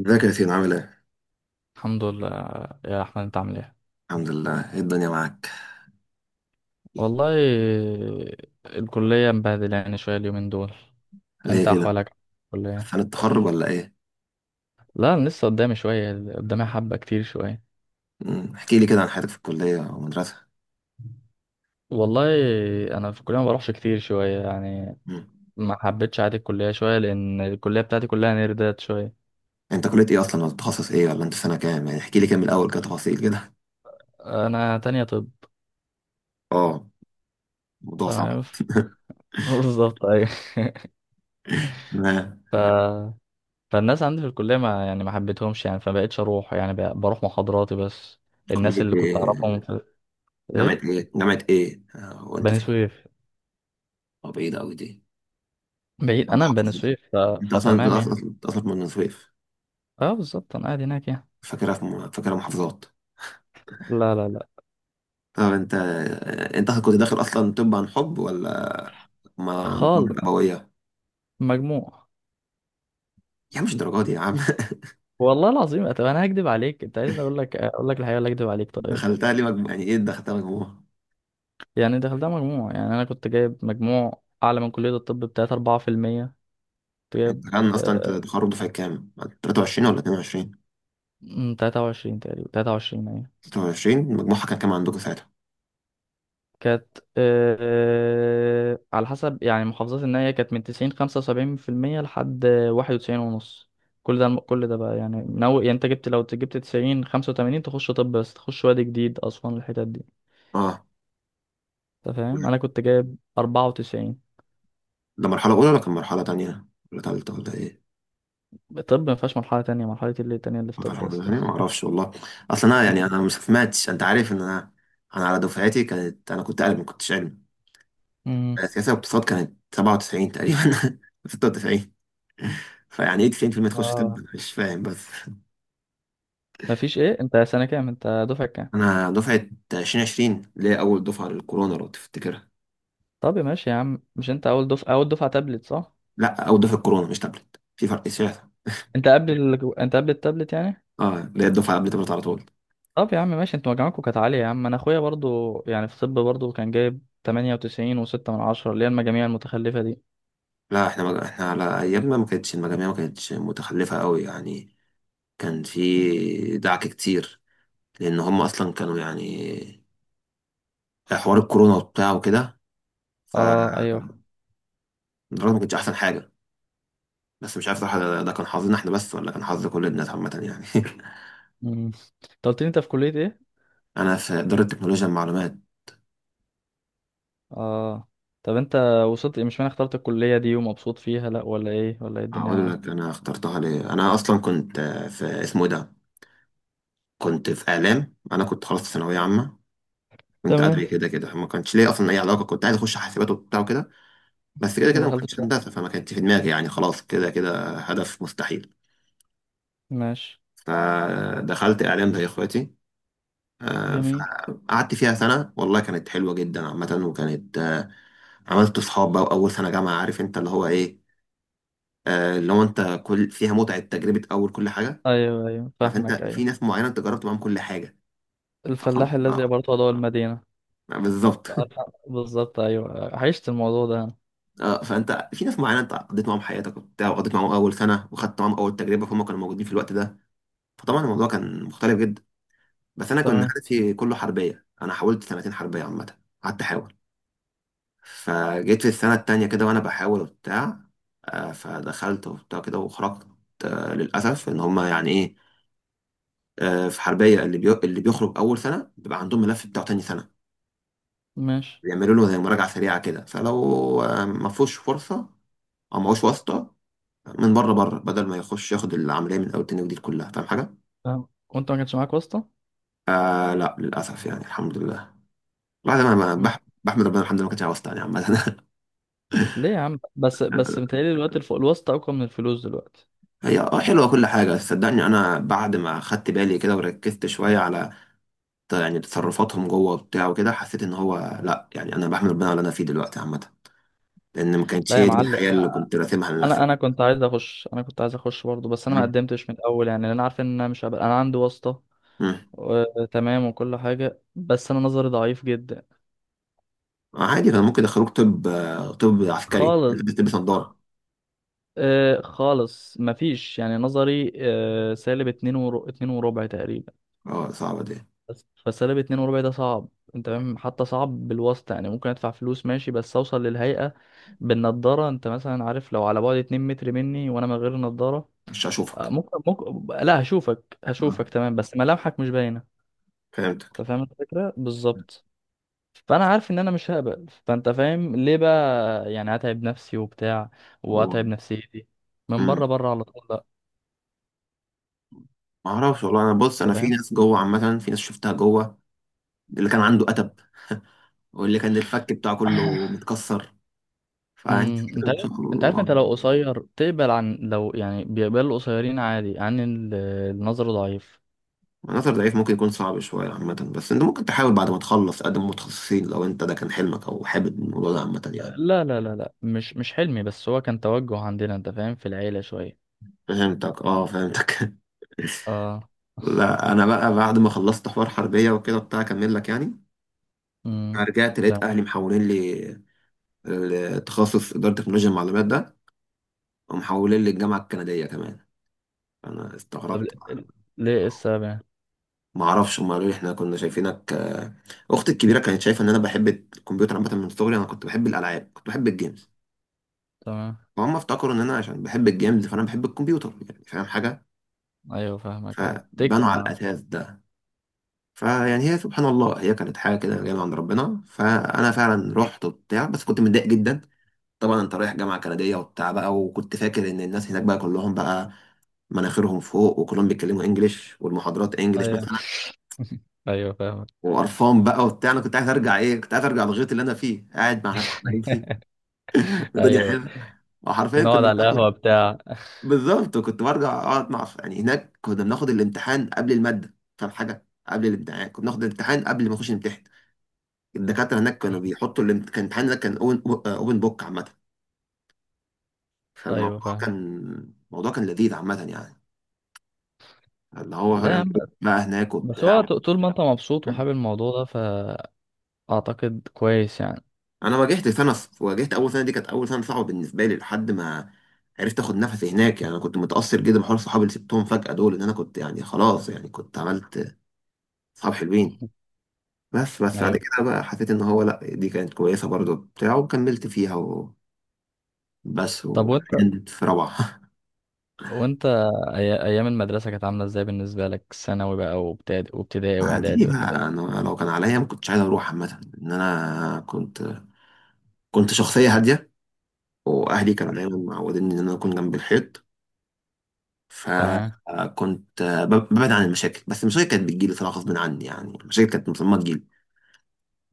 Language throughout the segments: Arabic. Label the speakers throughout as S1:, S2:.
S1: ازيك يا ياسين عامل ايه؟
S2: الحمد لله، يا احمد انت عامل ايه؟
S1: الحمد لله ايه الدنيا معاك؟
S2: والله، الكليه مبهدله يعني شويه اليومين دول.
S1: ليه
S2: انت
S1: كده؟
S2: احوالك. الكليه.
S1: فن التخرج ولا ايه؟
S2: لا، انا لسه قدامي شويه، قدامي حبه كتير شويه.
S1: مم. احكي لي كده عن حياتك في الكلية او المدرسة.
S2: والله، انا في الكليه ما بروحش كتير شويه يعني.
S1: مم.
S2: ما حبيتش عادي الكليه شويه، لان الكليه بتاعتي كلها نيردات شويه.
S1: انت كلية ايه اصلا ولا تخصص ايه ولا انت في سنة كام؟ يعني احكي لي كده من الاول كده تفاصيل كده.
S2: انا تانية طب.
S1: اه الموضوع صعب.
S2: تمام، بالظبط، ايوه.
S1: تمام
S2: ف... فالناس عندي في الكليه ما حبيتهمش يعني، فبقيتش اروح يعني، بروح محاضراتي بس. الناس
S1: كلية
S2: اللي كنت
S1: ايه؟
S2: اعرفهم.
S1: جامعة
S2: ايه.
S1: ايه؟ جامعة ايه؟ وانت
S2: بني
S1: فين؟
S2: سويف.
S1: طب ايه ده اوي دي؟
S2: بعيد
S1: أنا
S2: انا من بني
S1: محافظ دي.
S2: سويف،
S1: انت اصلا انت
S2: فتمام يعني.
S1: اصلا أنت أصلاً من بني سويف،
S2: اه، بالظبط، انا قاعد هناك يعني.
S1: فاكرها محافظات.
S2: لا لا لا.
S1: طب انت كنت داخل اصلا؟ طب عن حب ولا ما مقابلة
S2: خالص.
S1: قوية؟
S2: مجموع.
S1: يا عم مش الدرجه دي يا عم.
S2: والله العظيم، طب انا هكدب عليك؟ انت عايز اقول لك، اقول لك الحقيقه ولا اكدب عليك؟ طيب،
S1: دخلتها ليه مجموعة؟ يعني ايه دخلتها مجموعة؟
S2: يعني دخلتها مجموع يعني. انا كنت جايب مجموع اعلى من كليه الطب ب 3 4%. كنت جايب
S1: انت كان اصلا انت
S2: آه،
S1: تخرج دفعة كام، 23 ولا 22؟
S2: 23 تقريبا، 23.
S1: 23 مجموعها كان كام عندكم ساعتها؟
S2: كانت على حسب يعني محافظات النهاية، كانت من 95.75% لحد 91.5. كل ده بقى يعني نو يعني. انت جبت لو جبت 95.85 تخش طب، بس تخش وادي جديد، أسوان، الحتت دي.
S1: اه،
S2: انت فاهم؟ أنا كنت جايب 94.
S1: ده مرحلة أولى ولا كان مرحلة تانية ولا تالتة ولا إيه؟
S2: طب مفيهاش مرحلة تانية. اللي التانية اللي في
S1: ما فيهاش
S2: طب يا
S1: مرحلة
S2: اسطى!
S1: تانية، ما أعرفش والله. أصلا أنا يعني ما سمعتش، أنت عارف إن أنا، أنا على دفعتي كانت، أنا كنت قلم ما كنتش علم.
S2: مم.
S1: سياسة واقتصاد كانت 97 تقريبا، 96. فيعني إيه 90% تخش طب؟
S2: اه،
S1: أنا مش فاهم بس.
S2: مفيش. ايه، انت دفعة كام؟
S1: انا دفعه 2020 اللي هي اول دفعه للكورونا لو تفتكرها.
S2: طب ماشي يا عم، مش انت أول دفعة تابلت؟ صح؟
S1: لا اول دفعه كورونا مش تابلت، في فرق شاسع.
S2: انت قبل التابلت يعني.
S1: اه اللي هي الدفعه قبل تابلت على طول.
S2: طب يا عم ماشي، انتوا مجامعكم كانت عالية يا عم. انا اخويا برضو يعني في طب، برضو كان جايب 98 وستة من عشرة، اللي هي المجاميع المتخلفة دي.
S1: لا احنا احنا على ايامنا ما كانتش المجاميع، ما كانتش متخلفه قوي يعني. كان في دعك كتير لان هم اصلا كانوا يعني حوار الكورونا وبتاع وكده. ف
S2: اه ايوه.
S1: الدراسه ما كانتش احسن حاجه، بس مش عارف صراحه، ده ده كان حظنا احنا بس ولا كان حظ كل الناس عامه يعني.
S2: مم. انت قلت لي انت في كلية ايه؟
S1: انا في اداره تكنولوجيا المعلومات.
S2: اه. طب انت وصلت، مش معنى اخترت الكلية دي ومبسوط فيها، لا ولا ايه؟ الدنيا
S1: هقول لك
S2: معاك؟
S1: انا اخترتها ليه. انا اصلا كنت في اسمه إيه ده، كنت في اعلام. انا كنت خلاص في ثانويه عامه، كنت
S2: تمام.
S1: ادبي، كده كده ما كانش ليا اصلا اي علاقه. كنت عايز اخش حاسبات وبتاع وكده، بس كده
S2: ما
S1: كده ما
S2: دخلتش
S1: كنتش
S2: فيها.
S1: هندسه فما كانتش في دماغي يعني، خلاص كده كده هدف مستحيل.
S2: ماشي.
S1: فدخلت اعلام زي اخواتي،
S2: جميل.
S1: فقعدت فيها سنه والله كانت حلوه جدا عامه، وكانت عملت صحاب بقى. واول سنه جامعه عارف انت اللي هو ايه، اللي هو انت كل فيها متعه، تجربه اول كل حاجه.
S2: ايوه ايوه،
S1: عارف انت
S2: فاهمك.
S1: في
S2: ايوه.
S1: ناس معينه انت جربت معاهم كل حاجه. فخلاص
S2: الفلاح الذي
S1: اه،
S2: يبرت ضوء المدينة.
S1: بالظبط.
S2: ف- بالظبط، ايوه، عشت الموضوع ده انا.
S1: اه فانت في ناس معينه انت قضيت معاهم حياتك وبتاع، وقضيت معاهم اول سنه وخدت معاهم اول تجربه، فهم كانوا موجودين في الوقت ده. فطبعا الموضوع كان مختلف جدا. بس انا كنت
S2: تمام.
S1: حياتي كله حربيه، انا حاولت سنتين حربيه عامه، قعدت احاول. فجيت في السنه التانيه كده وانا بحاول وبتاع، فدخلت وبتاع كده وخرجت. للاسف ان هم يعني ايه، في حربيه اللي بيخرج اول سنه بيبقى عندهم ملف بتاعه تاني سنه،
S2: ماشي.
S1: بيعملوا له زي مراجعه سريعه كده. فلو ما فيهوش فرصه او ما هوش واسطه من بره بره، بدل ما يخش ياخد العمليه من اول تاني، ودي كلها، فاهم حاجه؟
S2: فاهم. وانت ما كانش معاك واسطة؟
S1: آه لا للاسف يعني، الحمد لله. الواحد انا بحمد ربنا، الحمد لله ما كانتش عاوز تاني عامه.
S2: ليه يا عم؟ بس متهيألي الوقت الفوق الوسط اقوى من الفلوس دلوقتي.
S1: هي اه حلوه كل حاجه، بس صدقني انا بعد ما خدت بالي كده وركزت شويه على يعني تصرفاتهم جوه وبتاع وكده، حسيت ان هو لا، يعني انا بحمد ربنا على اللي انا فيه دلوقتي عامه، لان ما كانتش
S2: لا يا
S1: هي دي الحياه
S2: معلم.
S1: اللي كنت راسمها لنفسي.
S2: انا كنت عايز اخش. برضه، بس انا ما
S1: مم.
S2: قدمتش من الاول يعني، لأن انا عارف ان انا مش هبقى انا عندي واسطه.
S1: مم.
S2: تمام، وكل حاجه. بس انا نظري ضعيف جدا.
S1: عادي كان ممكن يدخلوك طب، طب عسكري
S2: خالص.
S1: تلبس نظاره.
S2: خالص، مفيش يعني. نظري -2.25، 2.25 تقريبا.
S1: اه صعبه دي.
S2: بس -2.25 ده صعب. انت فاهم؟ حتى صعب بالواسطه، يعني ممكن ادفع فلوس ماشي، بس اوصل للهيئه بالنضاره. انت مثلا عارف لو على بعد 2 متر مني وانا من غير نضاره.
S1: مش هشوفك.
S2: ممكن. لا،
S1: آه.
S2: هشوفك تمام، بس ملامحك مش باينه.
S1: فهمتك.
S2: انت فاهم الفكره بالظبط. فانا عارف ان انا مش هقبل، فانت فاهم ليه بقى. يعني هتعب نفسي وبتاع، وهتعب نفسيتي، من
S1: امم،
S2: بره بره، على طول. لا.
S1: ما اعرفش والله. انا بص انا
S2: انت
S1: في
S2: فاهم.
S1: ناس جوه عامه، في ناس شفتها جوه، اللي كان عنده اتب، واللي كان الفك بتاعه كله متكسر. فانت ان شاء
S2: انت عارف
S1: الله،
S2: انت لو قصير تقبل؟ عن لو يعني بيقبل القصيرين عادي، عن النظر ضعيف.
S1: عناصر ضعيف ممكن يكون صعب شويه عامه، بس انت ممكن تحاول بعد ما تخلص تقدم متخصصين، لو انت ده كان حلمك او حابب الموضوع ده عامه يعني.
S2: لا لا لا لا، مش حلمي، بس هو كان توجه عندنا. انت فاهم؟ في العيله شويه.
S1: فهمتك اه فهمتك.
S2: اه.
S1: لا انا بقى بعد ما خلصت حوار حربيه وكده بتاع، اكمل لك يعني. أنا
S2: امم
S1: رجعت لقيت اهلي محولين لي التخصص اداره تكنولوجيا المعلومات ده، ومحولين لي الجامعه الكنديه كمان. انا
S2: طب،
S1: استغربت،
S2: ل- ليه السابع؟
S1: ما اعرفش. هم قالوا لي احنا كنا شايفينك، اختي الكبيره كانت شايفه ان انا بحب الكمبيوتر عامه، من صغري انا كنت بحب الالعاب، كنت بحب الجيمز.
S2: تمام.
S1: فهم افتكروا ان انا عشان بحب الجيمز فانا بحب الكمبيوتر يعني، فاهم حاجه.
S2: ايوه، فاهمك. ايوه، تك
S1: فبنوا على
S2: يعني.
S1: الاساس ده. فيعني هي سبحان الله هي كانت حاجه كده جايه من عند ربنا، فانا فعلا رحت وبتاع، بس كنت متضايق جدا. طبعا انت رايح جامعه كنديه وبتاع بقى، وكنت فاكر ان الناس هناك بقى كلهم بقى مناخيرهم فوق وكلهم بيتكلموا انجليش والمحاضرات انجليش
S2: ايوه
S1: مثلا.
S2: ايوه، فاهمك.
S1: وقرفان بقى وبتاع، انا كنت عايز ارجع ايه، كنت عايز ارجع للغيط اللي انا فيه قاعد مع ناس حبايبي. الدنيا
S2: ايوه،
S1: حلوه. وحرفيا
S2: نقعد
S1: كنا
S2: على
S1: بناخد،
S2: القهوه. بتاع.
S1: بالظبط، وكنت برجع اقعد مع يعني، هناك كنا بناخد الامتحان قبل الماده، فاهم حاجه، قبل الامتحان كنا بناخد الامتحان قبل ما نخش نمتحن. الدكاتره هناك كانوا بيحطوا كان الامتحان هناك كان اوبن بوك عامه.
S2: ايوه،
S1: فالموضوع
S2: فاهم.
S1: كان، الموضوع كان لذيذ عامه يعني، اللي هو
S2: لا يا
S1: يعني
S2: عم،
S1: إيه بقى هناك
S2: بس هو
S1: وبتاع.
S2: طول ما انت مبسوط وحابب الموضوع ده، فاعتقد كويس يعني.
S1: انا واجهت سنه، واجهت اول سنه، دي كانت اول سنه صعبه بالنسبه لي لحد ما عرفت اخد نفسي هناك يعني. انا كنت متاثر جدا بحوار صحابي اللي سبتهم فجاه دول، ان انا كنت يعني خلاص يعني كنت عملت صحاب حلوين. بس بعد
S2: ايوه.
S1: كده بقى حسيت ان هو لا دي كانت كويسه برضو بتاع وكملت فيها، وبس.
S2: طب وانت،
S1: وحاليا في روعه.
S2: وانت ايام المدرسه كانت عامله ازاي بالنسبه لك؟ ثانوي بقى، وابتدائي، وابتدائي
S1: دي
S2: واعدادي، والحاجات
S1: بقى
S2: دي.
S1: انا لو كان عليا ما كنتش عايز اروح عامه. ان انا كنت كنت شخصيه هاديه، واهلي كانوا دايما معودين ان انا اكون جنب الحيط.
S2: تمام.
S1: فكنت ببعد عن المشاكل، بس المشاكل كانت بتجيلي صراحة غصب عني، يعني المشاكل كانت مصممة تجيلي.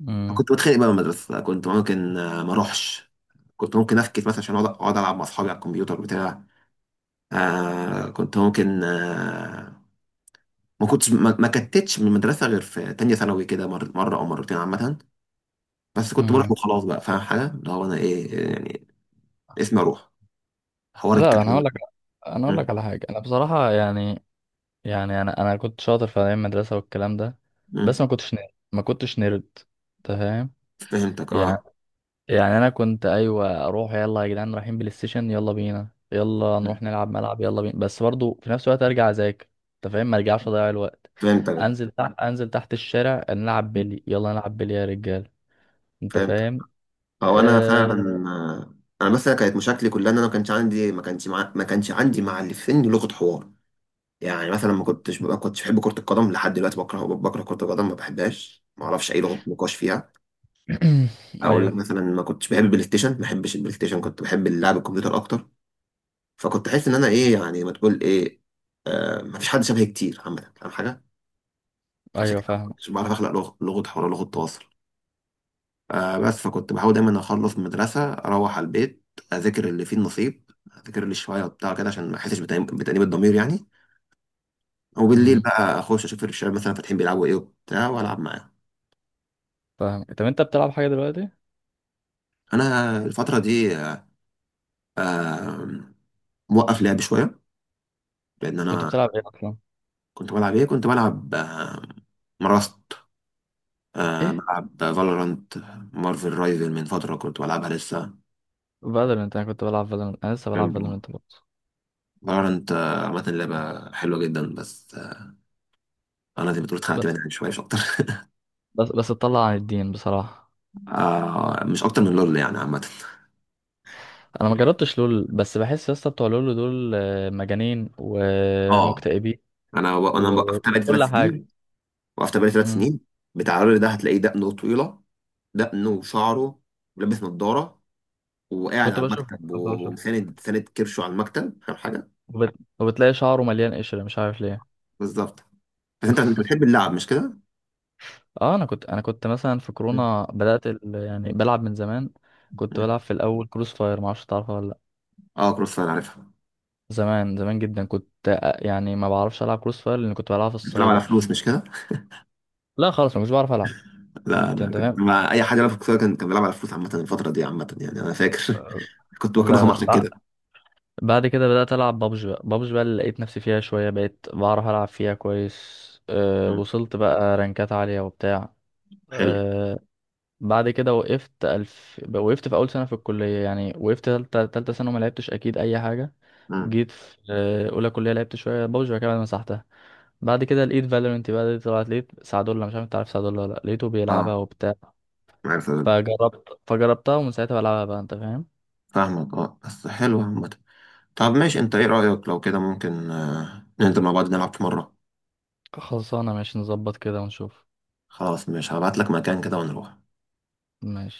S2: امم
S1: كنت بتخانق بقى من المدرسة، كنت ممكن ما اروحش، كنت ممكن افكس مثلا عشان أقعد العب مع اصحابي على الكمبيوتر بتاع. آه كنت ممكن آه، ما كنتش ما, ما كتتش من المدرسة غير في تانية ثانوي كده، مرة او مرتين عامة. بس كنت بروح
S2: امم
S1: وخلاص بقى، فاهم حاجة اللي هو انا ايه يعني، اسمي اروح. حوار
S2: لا، انا هقول
S1: الكتب.
S2: لك.
S1: م-
S2: على حاجه، انا بصراحه يعني، يعني انا كنت شاطر في ايام المدرسه والكلام ده،
S1: م-
S2: بس ما كنتش نيرد، ما كنتش نيرد. انت فاهم؟
S1: فهمتك
S2: يعني
S1: اه،
S2: يعني انا كنت ايوه اروح، يلا يا جدعان رايحين بلاي ستيشن، يلا بينا، يلا نروح
S1: م-
S2: نلعب ملعب، يلا بينا، بس برضو في نفس الوقت ارجع اذاكر. انت فاهم؟ ما ارجعش اضيع الوقت. انزل تحت الشارع نلعب بلي، يلا نلعب بلي يا رجال. انت
S1: فهمتك.
S2: فاهم؟
S1: او انا
S2: أه...
S1: فعلا، انا مثلا كانت مشاكلي كلها ان انا ما كانش عندي، ما كانش عندي مع اللي في سني لغه حوار. يعني مثلا ما كنتش بحب كره القدم لحد دلوقتي، بكره، بكره كره القدم ما بحبهاش، ما اعرفش اي لغه نقاش فيها. اقول لك
S2: ايوه
S1: مثلا ما كنتش بحب البلاي ستيشن، ما بحبش البلاي ستيشن، كنت بحب اللعب الكمبيوتر اكتر. فكنت احس ان انا ايه يعني، ما تقول ايه، ما فيش حد شبهي كتير عامه فاهم حاجه. فعشان
S2: ايوه،
S1: كده ما
S2: فاهم.
S1: كنتش بعرف اخلق لغه، لغه حوار، لغه تواصل. آه بس، فكنت بحاول دايما اخلص من المدرسه اروح على البيت، اذاكر اللي فيه النصيب، اذاكر اللي شويه وبتاع كده عشان ما احسش بتأنيب الضمير يعني. وبالليل
S2: امم
S1: بقى اخش اشوف الشباب مثلا فاتحين بيلعبوا ايه وبتاع والعب معاهم.
S2: فاهم. طب انت بتلعب حاجه دلوقتي؟
S1: انا الفتره دي آه، آه، موقف لعب شويه لان
S2: كنت
S1: انا،
S2: بتلعب ايه اصلا؟
S1: كنت بلعب ايه، كنت بلعب آه، مراست، آه بلعب فالورانت، مارفل رايفل من فتره كنت بلعبها لسه.
S2: فالورنت. انا كنت بلعب فالورنت، انا لسه بلعب فالورنت برضه.
S1: فالورانت عامه لعبه حلوه جدا، بس آه انا زي ما بتقول اتخنقت
S2: بس
S1: منها شويه مش أكتر.
S2: بس اتطلع عن الدين بصراحة.
S1: آه مش اكتر من لول يعني عامه.
S2: انا ما جربتش لول، بس بحس يا اسطى بتوع لول دول مجانين
S1: اه
S2: ومكتئبين.
S1: انا انا وقفت بقالي
S2: وكل
S1: ثلاث
S2: حاجة.
S1: سنين، وقفت بقالي ثلاث
S2: مم.
S1: سنين. بتاع لول ده هتلاقيه دقنه طويله، دقنه وشعره، ولابس نظاره، وقاعد
S2: كنت
S1: على
S2: بشوف
S1: المكتب
S2: كنت بشوف
S1: وساند كرشه على المكتب، فاهم حاجه.
S2: وبتلاقي شعره مليان قشرة، مش عارف ليه.
S1: بالظبط. بس انت انت بتحب اللعب مش كده؟
S2: اه. انا كنت مثلا في
S1: مم.
S2: كورونا بدأت يعني بلعب من زمان. كنت بلعب
S1: مم.
S2: في الاول كروس فاير، ما اعرفش تعرفها ولا لا.
S1: اه كروس فاير عارفها.
S2: زمان زمان جدا، كنت يعني ما بعرفش العب كروس فاير، لان كنت بلعب في
S1: بتلعب على
S2: السايبر.
S1: فلوس مش كده؟
S2: لا خالص، ما كنتش بعرف العب.
S1: لا
S2: كنت.
S1: انا
S2: انت
S1: كنت
S2: فاهم.
S1: مع اي حاجه لعبها، في كروس فاير كان بيلعب على فلوس عامه الفتره دي عامه يعني، انا فاكر. كنت
S2: لا
S1: بكرههم
S2: لا،
S1: عشان كده.
S2: بعد كده بدأت ألعب بابجي بقى، بابجي بقى اللي لقيت نفسي فيها شوية، بقيت بعرف ألعب فيها كويس. أه،
S1: مم.
S2: وصلت بقى رانكات عالية وبتاع.
S1: حلو.
S2: أه، بعد كده وقفت. ألف. وقفت في أول سنة في الكلية يعني. وقفت تالتة سنة وما لعبتش أكيد أي حاجة.
S1: مم.
S2: جيت في أولى كلية لعبت شوية بابجي. بعد كده، بعد ما مسحتها، بعد كده لقيت فالورنت بقى دي، طلعت لقيت سعدولة، مش عارف أنت عارف سعدولة ولا لأ، لقيته بيلعبها
S1: اه
S2: وبتاع.
S1: عارف.
S2: فجربتها، ومن ساعتها بلعبها بقى. أنت فاهم.
S1: فاهمك اه بس حلو عامة. طب ماشي، انت ايه رأيك لو كده ممكن ننزل مع بعض نلعب في مرة؟
S2: خلصانة، ماشي نظبط كده ونشوف.
S1: خلاص ماشي، هبعت لك مكان كده ونروح.
S2: ماشي.